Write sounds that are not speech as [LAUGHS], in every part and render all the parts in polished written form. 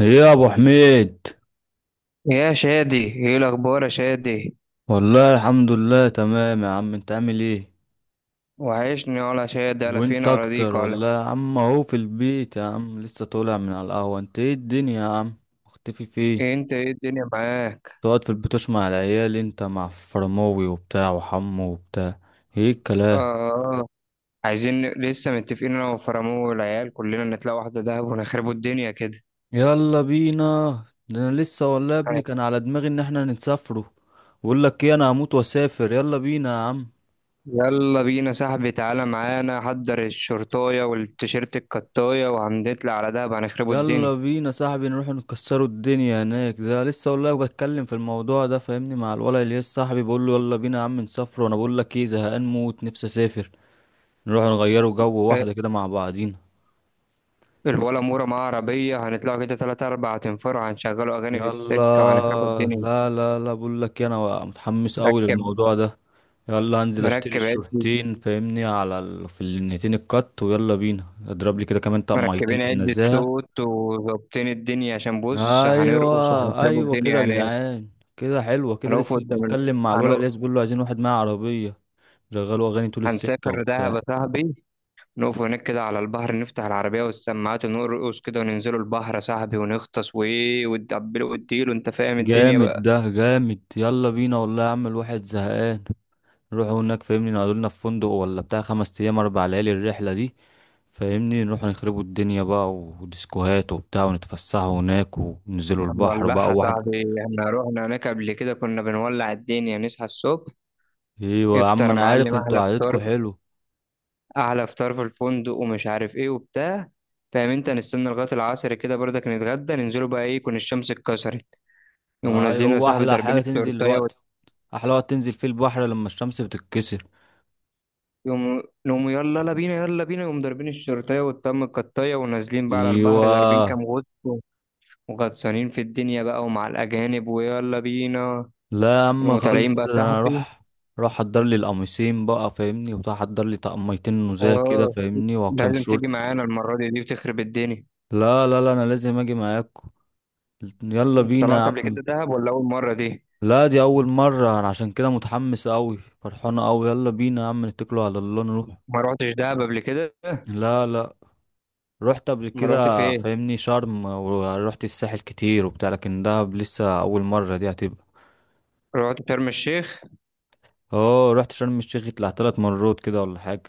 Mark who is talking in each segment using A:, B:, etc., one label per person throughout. A: ايه يا ابو حميد.
B: يا شادي ايه الاخبار يا شادي؟
A: والله الحمد لله تمام يا عم، انت عامل ايه؟
B: وحشني ولا شادي، على فين
A: وانت اكتر
B: اراضيك ولا؟
A: والله يا عم، اهو في البيت يا عم، لسه طالع من على القهوة. انت ايه الدنيا يا عم، مختفي فين؟
B: إيه، انت ايه الدنيا معاك؟
A: تقعد في البيت مع العيال، انت مع فرماوي وبتاع وحمو وبتاع. ايه
B: اه.
A: الكلام؟
B: آه. عايزين لسه متفقين انا وفرامو والعيال، كلنا نطلع واحده دهب ونخربوا الدنيا كده.
A: يلا بينا. ده انا لسه والله يا ابني
B: طيب،
A: كان على دماغي ان احنا نسافروا. بقول لك ايه، انا هموت واسافر، يلا بينا يا عم.
B: يلا بينا صاحبي، تعالى معانا، حضر الشرطايه والتيشيرت الكطايه وهنطلع على دهب هنخربوا
A: يلا
B: الدنيا.
A: بينا صاحبي نروح نكسروا الدنيا هناك. ده لسه والله بتكلم في الموضوع ده فاهمني مع الولد اللي لسه صاحبي، بقول له يلا بينا يا عم نسافر. وانا بقول لك ايه، زهقان موت، نفسي اسافر. نروح نغيروا جو
B: إيه،
A: واحده كده مع بعضينا.
B: الولا مورا معاه عربيه، هنطلعوا كده تلاتة أربعة تنفروا، هنشغلوا اغاني في
A: يلا.
B: السكه وهنخربوا الدنيا.
A: لا لا لا، بقول لك إيه، انا متحمس قوي
B: مركب
A: للموضوع ده. يلا هنزل اشتري
B: مركب عد
A: الشورتين فاهمني في النتين الكات، ويلا بينا اضرب لي كده كمان طقميتين
B: مركبين
A: في
B: عدة
A: النزاهه.
B: صوت وظابطين الدنيا، عشان بص هنرقص
A: ايوه
B: وهنسيبوا
A: ايوه كده يا
B: الدنيا هناك.
A: جدعان، كده حلوه. كده
B: هنقف
A: لسه كنت
B: قدام ال...
A: بتكلم مع الولد
B: هنق...
A: اللي بيقول له عايزين واحد معاه عربيه، شغلوا اغاني طول السكه
B: هنسافر دهب
A: وبتاع.
B: يا صاحبي، نقف هناك كده على البحر، نفتح العربية والسماعات ونرقص كده وننزلوا البحر يا صاحبي، ونغطس وإيه وتدبلوا وتديلوا، أنت فاهم الدنيا
A: جامد،
B: بقى.
A: ده جامد، يلا بينا والله يا عم، الواحد زهقان. نروحوا هناك فاهمني، نقعدوا لنا في فندق ولا بتاع 5 ايام 4 ليالي الرحله دي. فاهمني نروح نخربوا الدنيا بقى وديسكوهات وبتاع، ونتفسحوا هناك وننزلوا البحر
B: هنولعها
A: بقى
B: يا
A: واحد.
B: صاحبي، احنا رحنا هناك قبل كده كنا بنولع الدنيا، نصحى الصبح
A: ايوه يا عم،
B: افطر يا
A: انا عارف
B: معلم،
A: انتوا
B: أحلى فطار،
A: قعدتكوا حلو.
B: احلى فطار في الفندق ومش عارف ايه وبتاع. فاهم انت، نستنى لغايه العصر كده برضك، نتغدى ننزلوا بقى ايه يكون الشمس اتكسرت. يقوموا
A: ايوه،
B: نازلين يا
A: هو
B: صاحبي
A: احلى
B: ضاربين
A: حاجه تنزل
B: الشورتايه وال-
A: الوقت. احلى وقت تنزل فيه البحر لما الشمس بتتكسر.
B: يقوموا يلا لا بينا يلا بينا، يقوموا ضاربين الشورتايه والطم القطايه ونازلين بقى على
A: ايوه.
B: البحر، ضاربين كام غطس وغطسانين في الدنيا بقى ومع الاجانب ويلا بينا.
A: لا يا عم
B: يقوموا طالعين بقى
A: خالص،
B: يا
A: انا
B: صاحبي.
A: اروح. اروح احضر لي القميصين بقى فاهمني وبتاع، احضر لي طقميتين نزاهه كده
B: اه.
A: فاهمني وكام
B: لازم
A: شورت.
B: تيجي معانا المره دي، دي بتخرب الدنيا.
A: لا لا لا، انا لازم اجي معاكم. يلا
B: انت
A: بينا يا
B: طلعت قبل
A: عم.
B: كده دهب ولا اول مره دي؟
A: لا، دي اول مره، انا عشان كده متحمس قوي، فرحانه قوي، يلا بينا يا عم نتكلوا على الله نروح.
B: ما روحتش دهب قبل كده؟
A: لا لا، رحت قبل
B: ما
A: كده
B: روحت فين؟
A: فاهمني شرم، ورحت الساحل كتير وبتاع، لكن دهب لسه اول مرة دي هتبقى.
B: رحت شرم الشيخ؟
A: اه رحت شرم الشيخ، طلع 3 مرات كده ولا حاجة.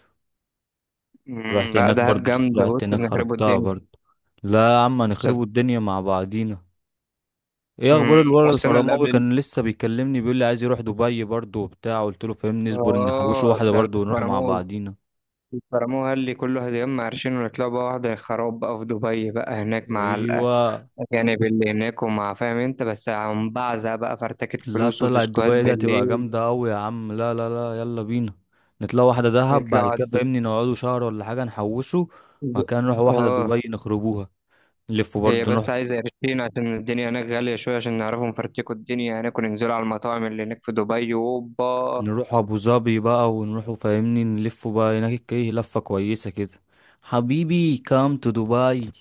A: رحت
B: لا،
A: هناك
B: دهب
A: برضو،
B: جامدة، بص
A: رحت هناك
B: بنخربوا
A: خربتها
B: الدنيا.
A: برضو. لا يا عم،
B: سف...
A: هنخربوا الدنيا مع بعضينا. ايه اخبار الورا؟
B: والسنة اللي
A: الفرماوي
B: قبل ال-
A: كان لسه بيكلمني، بيقول لي عايز يروح دبي برضو وبتاع، قلت له فاهمني اصبر نحوشه
B: اه
A: واحدة
B: ده،
A: برضو ونروح مع
B: البرامو
A: بعضينا.
B: البرامو قال لي كله هيتجمع عرشين، ونطلع بقى واحدة خراب بقى في دبي بقى هناك مع
A: ايوه.
B: الأجانب اللي هناك، ومع فاهم أنت بس عم بعزة بقى، فرتكة
A: لا
B: فلوس
A: طلعت
B: وديسكوهات
A: دبي دي هتبقى
B: بالليل.
A: جامدة أوي يا عم، لا لا لا يلا بينا. نطلع واحدة دهب بعد
B: يطلعوا على
A: كده فاهمني، نقعدوا شهر ولا حاجة نحوشه، وبعد
B: الديسكو.
A: كده نروح واحدة
B: اه.
A: دبي نخربوها. نلفوا
B: هي
A: برضه
B: بس
A: نروح.
B: عايزة قرشين، عشان الدنيا هناك غالية شوية، عشان نعرفوا نفرتكوا الدنيا هناك وننزلوا على المطاعم اللي هناك في دبي وأوبا.
A: نروح أبو ظبي بقى، ونروحوا فاهمني نلفوا بقى هناك ايه لفة كويسة كده. حبيبي كام تو دبي.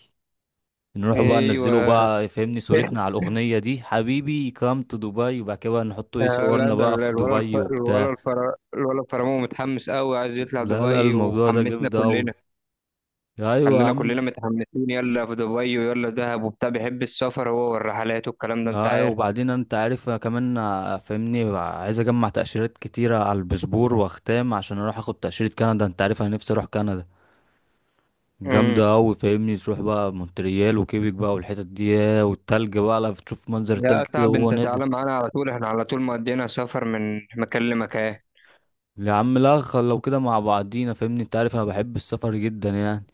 A: نروح بقى ننزلوا
B: أيوه.
A: بقى فاهمني صورتنا
B: [LAUGHS]
A: على الأغنية دي حبيبي كام تو دبي، وبعد كده بقى نحطوا ايه
B: آه، لا
A: صورنا
B: ده
A: بقى في دبي وبتاع.
B: الفرامو متحمس قوي، عايز يطلع
A: لا لا،
B: دبي
A: الموضوع ده
B: وحمسنا
A: جامد أوي.
B: كلنا.
A: ايوه يا
B: خلينا
A: عم.
B: كلنا متحمسين، يلا في دبي ويلا دهب وبتاع، بيحب السفر هو والرحلات والكلام ده انت
A: اه
B: عارف.
A: وبعدين انت عارف أنا كمان آه، فاهمني عايز اجمع تأشيرات كتيرة على الباسبور واختام، عشان اروح اخد تأشيرة كندا. انت عارف انا نفسي اروح كندا،
B: امم
A: جامدة اوي فاهمني، تروح بقى مونتريال وكيبك بقى والحتت دي، ياه، والتلج بقى، لا بتشوف منظر التلج
B: يا
A: كده
B: صعب
A: وهو
B: انت،
A: نازل.
B: تعالى معانا على طول، احنا على طول مقضينا سفر من مكان لمكان.
A: يا عم لا، لو كده مع بعضينا فاهمني، انت عارف انا بحب السفر جدا يعني.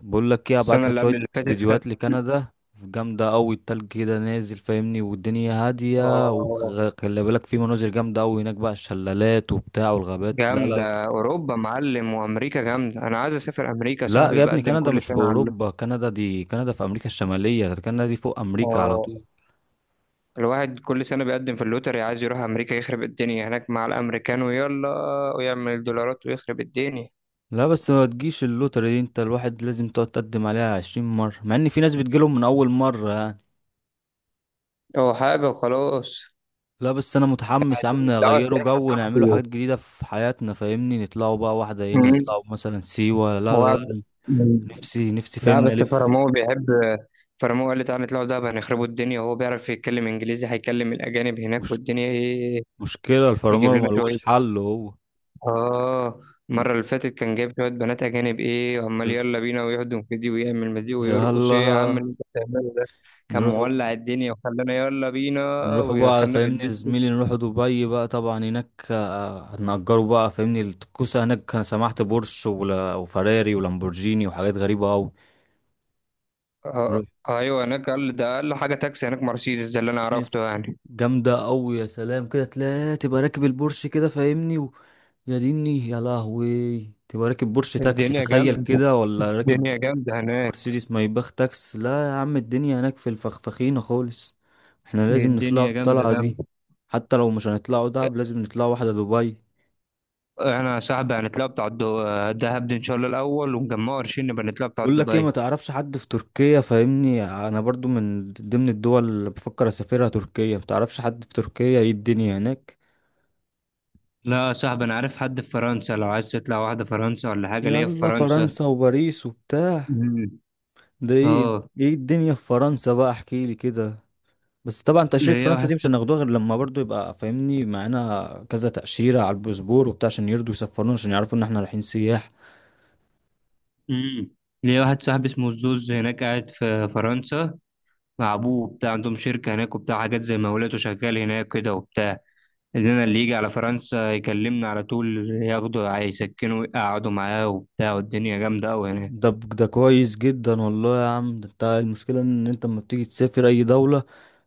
A: بقول لك ايه، ابعت
B: السنة
A: لك
B: اللي
A: شويه
B: قبل اللي فاتت كانت.
A: فيديوهات لكندا، جامده قوي التلج كده نازل فاهمني، والدنيا هاديه،
B: اه.
A: وخلي بالك في مناظر جامده قوي هناك بقى، الشلالات وبتاع والغابات. لا لا لا،
B: جامدة، أوروبا معلم وأمريكا جامدة، أنا عايز أسافر أمريكا
A: لا
B: صاحبي،
A: يا ابني
B: بقدم
A: كندا
B: كل
A: مش في
B: سنة على.
A: اوروبا، كندا دي كندا في امريكا الشماليه، ده كندا دي فوق امريكا على
B: اه.
A: طول.
B: الواحد كل سنة بيقدم في اللوتري، عايز يروح أمريكا يخرب الدنيا هناك مع الأمريكان، ويلا ويعمل دولارات ويخرب الدنيا.
A: لا بس ما تجيش اللوتري دي، انت الواحد لازم تقعد تقدم عليها 20 مرة، مع ان في ناس بتجيلهم من اول مرة يعني.
B: هو حاجة وخلاص،
A: لا بس انا متحمس يا عم
B: دعوة
A: نغيروا
B: سياحة
A: جو، نعملوا
B: بتاعته.
A: حاجات جديدة في حياتنا فاهمني، نطلعوا بقى واحدة هنا
B: مم.
A: نطلعوا مثلا سيوة. لا لا
B: وقعد.
A: لا،
B: مم.
A: نفسي نفسي
B: لا
A: فاهمني
B: بس
A: الف.
B: فرامو بيحب، فرامو قال لي تعالى نطلعوا دهب، هنخربوا الدنيا، وهو بيعرف يتكلم إنجليزي، هيكلم الأجانب هناك
A: مش،
B: والدنيا إيه،
A: مشكله
B: يجيب
A: الفرامل
B: لنا شوية.
A: ملوش حل هو.
B: اه.
A: ن-
B: المرة اللي فاتت كان جايب شوية بنات أجانب، إيه وعمال
A: ن-
B: يلا بينا، ويهدم في دي ويعمل مزيق
A: يلا
B: ويرقص، إيه يا عم اللي أنت بتعمله ده. كان
A: نروح.
B: مولع الدنيا وخلانا يلا بينا،
A: نروح بقى
B: ودخلنا في
A: فاهمني
B: الدنيا.
A: يا زميلي، نروح دبي بقى طبعا هناك آه، هنأجره بقى فاهمني الكوسة هناك. انا سمعت بورش وفراري ولامبورجيني وحاجات غريبة أوي.
B: آه.
A: نروح.
B: أيوه، هناك قال ده أقل حاجة تاكسي هناك مرسيدس، ده اللي أنا
A: يس.
B: عرفته يعني.
A: جامدة أوي، يا سلام كده تلاقي تبقى راكب البورش كده فاهمني و... يا ديني يا لهوي، تبقى راكب بورش تاكسي،
B: الدنيا
A: تخيل
B: جامدة،
A: كده، ولا راكب
B: الدنيا جامدة هناك.
A: مرسيدس ما يبخ تاكس. لا يا عم، الدنيا هناك في الفخفخينة خالص. احنا لازم نطلعوا
B: الدنيا جامدة
A: الطلعة دي،
B: جامدة.
A: حتى لو مش هنطلعوا دهب لازم نطلعوا واحدة دبي.
B: احنا يا صاحبي هنطلع بتاع الدهب دي ان شاء الله الاول، ونجمعه قرشين نبقى نطلع بتاع
A: بقول لك ايه، ما
B: دبي.
A: تعرفش حد في تركيا فاهمني، انا برضو من ضمن الدول اللي بفكر اسافرها تركيا، ما تعرفش حد في تركيا ايه الدنيا هناك؟
B: لا يا صاحبي، انا عارف حد في فرنسا، لو عايز تطلع واحده فرنسا ولا حاجه، ليا في
A: يلا
B: فرنسا.
A: فرنسا وباريس وبتاع.
B: مم.
A: ده ايه؟
B: اه.
A: ايه الدنيا في فرنسا بقى، احكيلي كده. بس طبعا تأشيرة
B: ليا
A: فرنسا
B: واحد
A: دي مش هناخدوها غير لما برضو يبقى فاهمني معانا كذا تأشيرة على الباسبور وبتاع، عشان يرضوا يسفرونا، عشان يعرفوا ان احنا رايحين سياح.
B: امم ليا واحد صاحبي اسمه زوز هناك قاعد في فرنسا، مع ابوه بتاع عندهم شركة هناك وبتاع، حاجات زي مولات شغال هناك كده وبتاع. اننا اللي يجي على فرنسا يكلمنا على طول، ياخده يسكنه ويقعدوا معاه وبتاع، والدنيا جامدة قوي هناك.
A: ده ده كويس جدا والله يا عم. ده انت المشكلة ان انت لما بتيجي تسافر اي دولة،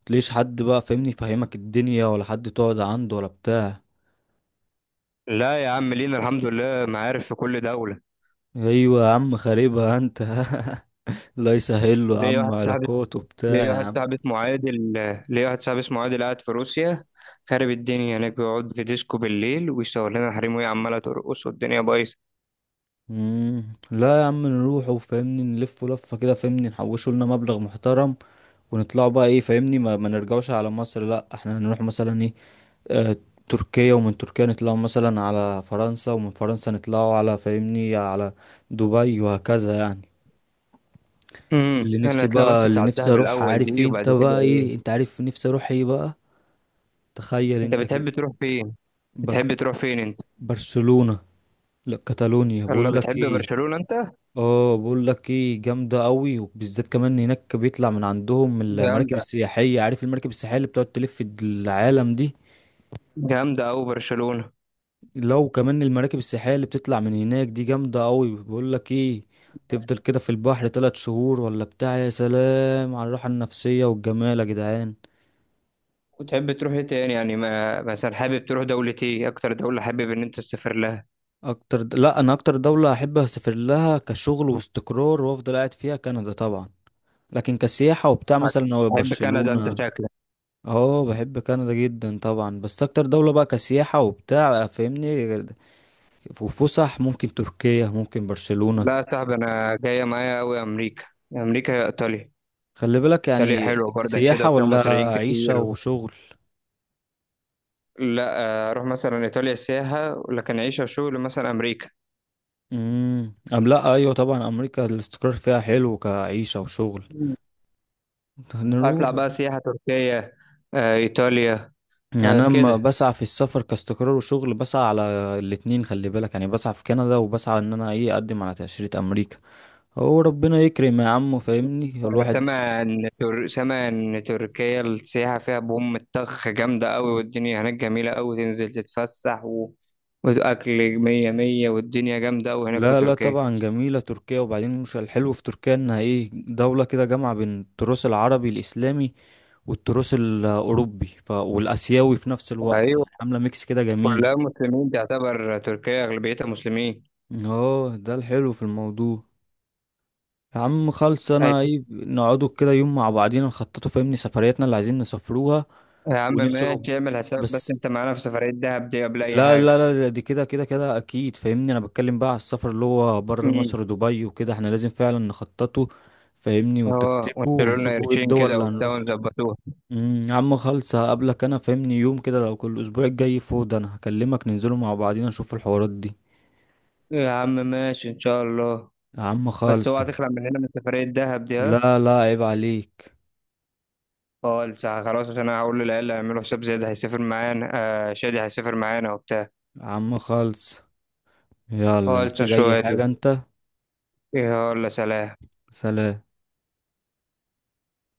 A: تلاقيش حد بقى فاهمني يفهمك الدنيا، ولا حد تقعد عنده ولا بتاع.
B: لا يا عم، لينا الحمد لله معارف في كل دولة.
A: ايوه يا عم، خاربها انت. [LAUGHS] الله يسهل له يا
B: ليا
A: عم،
B: واحد صاحبي
A: علاقات وبتاع
B: ليا
A: يا
B: واحد
A: عم.
B: صاحبي اسمه عادل ليا واحد صاحبي اسمه عادل قاعد في روسيا، خارب الدنيا هناك، بيقعد في ديسكو بالليل ويصور لنا حريم، وهي عمالة ترقص والدنيا بايظة.
A: مم. لا يا عم، نروح وفهمني نلف لفة كده فهمني، نحوشوا لنا مبلغ محترم ونطلعوا بقى ايه فاهمني، ما نرجعوش على مصر، لا احنا هنروح مثلا ايه آه تركيا، ومن تركيا نطلعوا مثلا على فرنسا، ومن فرنسا نطلعوا على فاهمني على دبي، وهكذا يعني. اللي
B: انا
A: نفسي
B: هتلاقي
A: بقى،
B: بس
A: اللي
B: بتاع
A: نفسي
B: الدهب
A: اروح،
B: الاول
A: عارف
B: دي،
A: ايه انت
B: وبعد كده
A: بقى،
B: ايه.
A: ايه انت عارف نفسي اروح ايه بقى، تخيل
B: انت
A: انت كده.
B: بتحب تروح فين؟
A: بر
B: بتحب تروح فين انت؟
A: برشلونة. لا كاتالونيا،
B: الله،
A: بقول لك
B: بتحب
A: ايه.
B: برشلونة انت؟
A: اه بقول لك ايه جامده قوي، وبالذات كمان هناك بيطلع من عندهم المراكب
B: جامدة،
A: السياحيه، عارف المراكب السياحيه اللي بتقعد تلف العالم دي،
B: جامدة أوي برشلونة.
A: لو كمان المراكب السياحية اللي بتطلع من هناك دي جامدة قوي. بقول لك ايه، تفضل كده في البحر 3 شهور ولا بتاع، يا سلام على الراحة النفسية والجمال يا جدعان.
B: وتحب تروح ايه تاني يعني، ما مثلا حابب تروح دولة ايه، اكتر دولة حابب ان انت تسافر لها؟
A: لا انا اكتر دولة احب اسافر لها كشغل واستقرار وافضل قاعد فيها كندا طبعا. لكن كسياحة وبتاع مثلا هو
B: تحب كندا انت
A: برشلونة.
B: شكلك؟
A: اه بحب كندا جدا طبعا، بس اكتر دولة بقى كسياحة وبتاع فاهمني وفسح، ممكن تركيا، ممكن برشلونة.
B: لا يا صاحبي، انا جاية معايا أوي امريكا، امريكا يا ايطاليا،
A: خلي بالك
B: ايطاليا
A: يعني
B: حلوة برضك كده
A: سياحة
B: وفيها
A: ولا
B: مصريين
A: عيشة
B: كتير.
A: وشغل؟
B: لا. آه، اروح مثلا ايطاليا سياحة، لكن عيشة وشغل مثلا امريكا.
A: أم لا، أيوة طبعا أمريكا الاستقرار فيها حلو كعيشة وشغل. نروح.
B: اطلع بقى سياحة تركيا. آه، ايطاليا.
A: يعني
B: آه،
A: أنا لما
B: كده.
A: بسعى في السفر كاستقرار وشغل بسعى على الاتنين، خلي بالك يعني بسعى في كندا، وبسعى إن أنا إيه أقدم على تأشيرة أمريكا. هو ربنا يكرم يا عم فاهمني
B: انا
A: الواحد.
B: سامع سامع ان تركيا السياحة فيها بوم الطخ جامدة قوي، والدنيا هناك جميلة قوي، تنزل تتفسح واكل مية مية، والدنيا جامدة قوي هناك في
A: لا لا
B: تركيا.
A: طبعا جميلة تركيا، وبعدين مش الحلو في تركيا إنها إيه دولة كده جامعة بين التراث العربي الإسلامي والتراث الأوروبي والآسيوي في نفس الوقت،
B: ايوه.
A: عاملة ميكس كده جميل.
B: كلها مسلمين، تعتبر تركيا اغلبيتها مسلمين.
A: اه ده الحلو في الموضوع. يا عم خلص، انا
B: أيوة.
A: ايه نقعدوا كده يوم مع بعضينا نخططوا فاهمني سفرياتنا اللي عايزين نسافروها
B: يا عم
A: ونسعوا
B: ماشي، اعمل حسابك بس
A: بس.
B: انت معانا في سفرية دهب دي قبل اي
A: لا لا
B: حاجة.
A: لا لا، دي كده كده كده اكيد فاهمني، انا بتكلم بقى على السفر اللي هو بره
B: امم.
A: مصر، دبي وكده احنا لازم فعلا نخططه فاهمني
B: اه،
A: ونتكتكه،
B: وانشروا لنا
A: ونشوفوا ايه
B: قرشين
A: الدول
B: كده
A: اللي
B: وبتاع
A: هنروح.
B: ونظبطوها.
A: يا عم خلص، هقابلك انا فاهمني يوم كده، لو كل اسبوع الجاي فاضي انا هكلمك، ننزلوا مع بعضينا نشوف الحوارات دي.
B: يا عم ماشي ان شاء الله.
A: يا عم
B: بس هو
A: خالص.
B: هتخلع مننا من سفرية دهب دي ها؟
A: لا لا، عيب عليك.
B: اه لسه خلاص، عشان انا هقول للعيال يعملوا حساب زياد هيسافر معانا، آه شادي هيسافر معانا وبتاع.
A: يا عم خالص، يلا
B: اه لسه
A: محتاج اي
B: شوية دي.
A: حاجة انت؟
B: ايه ولا، سلام.
A: سلام.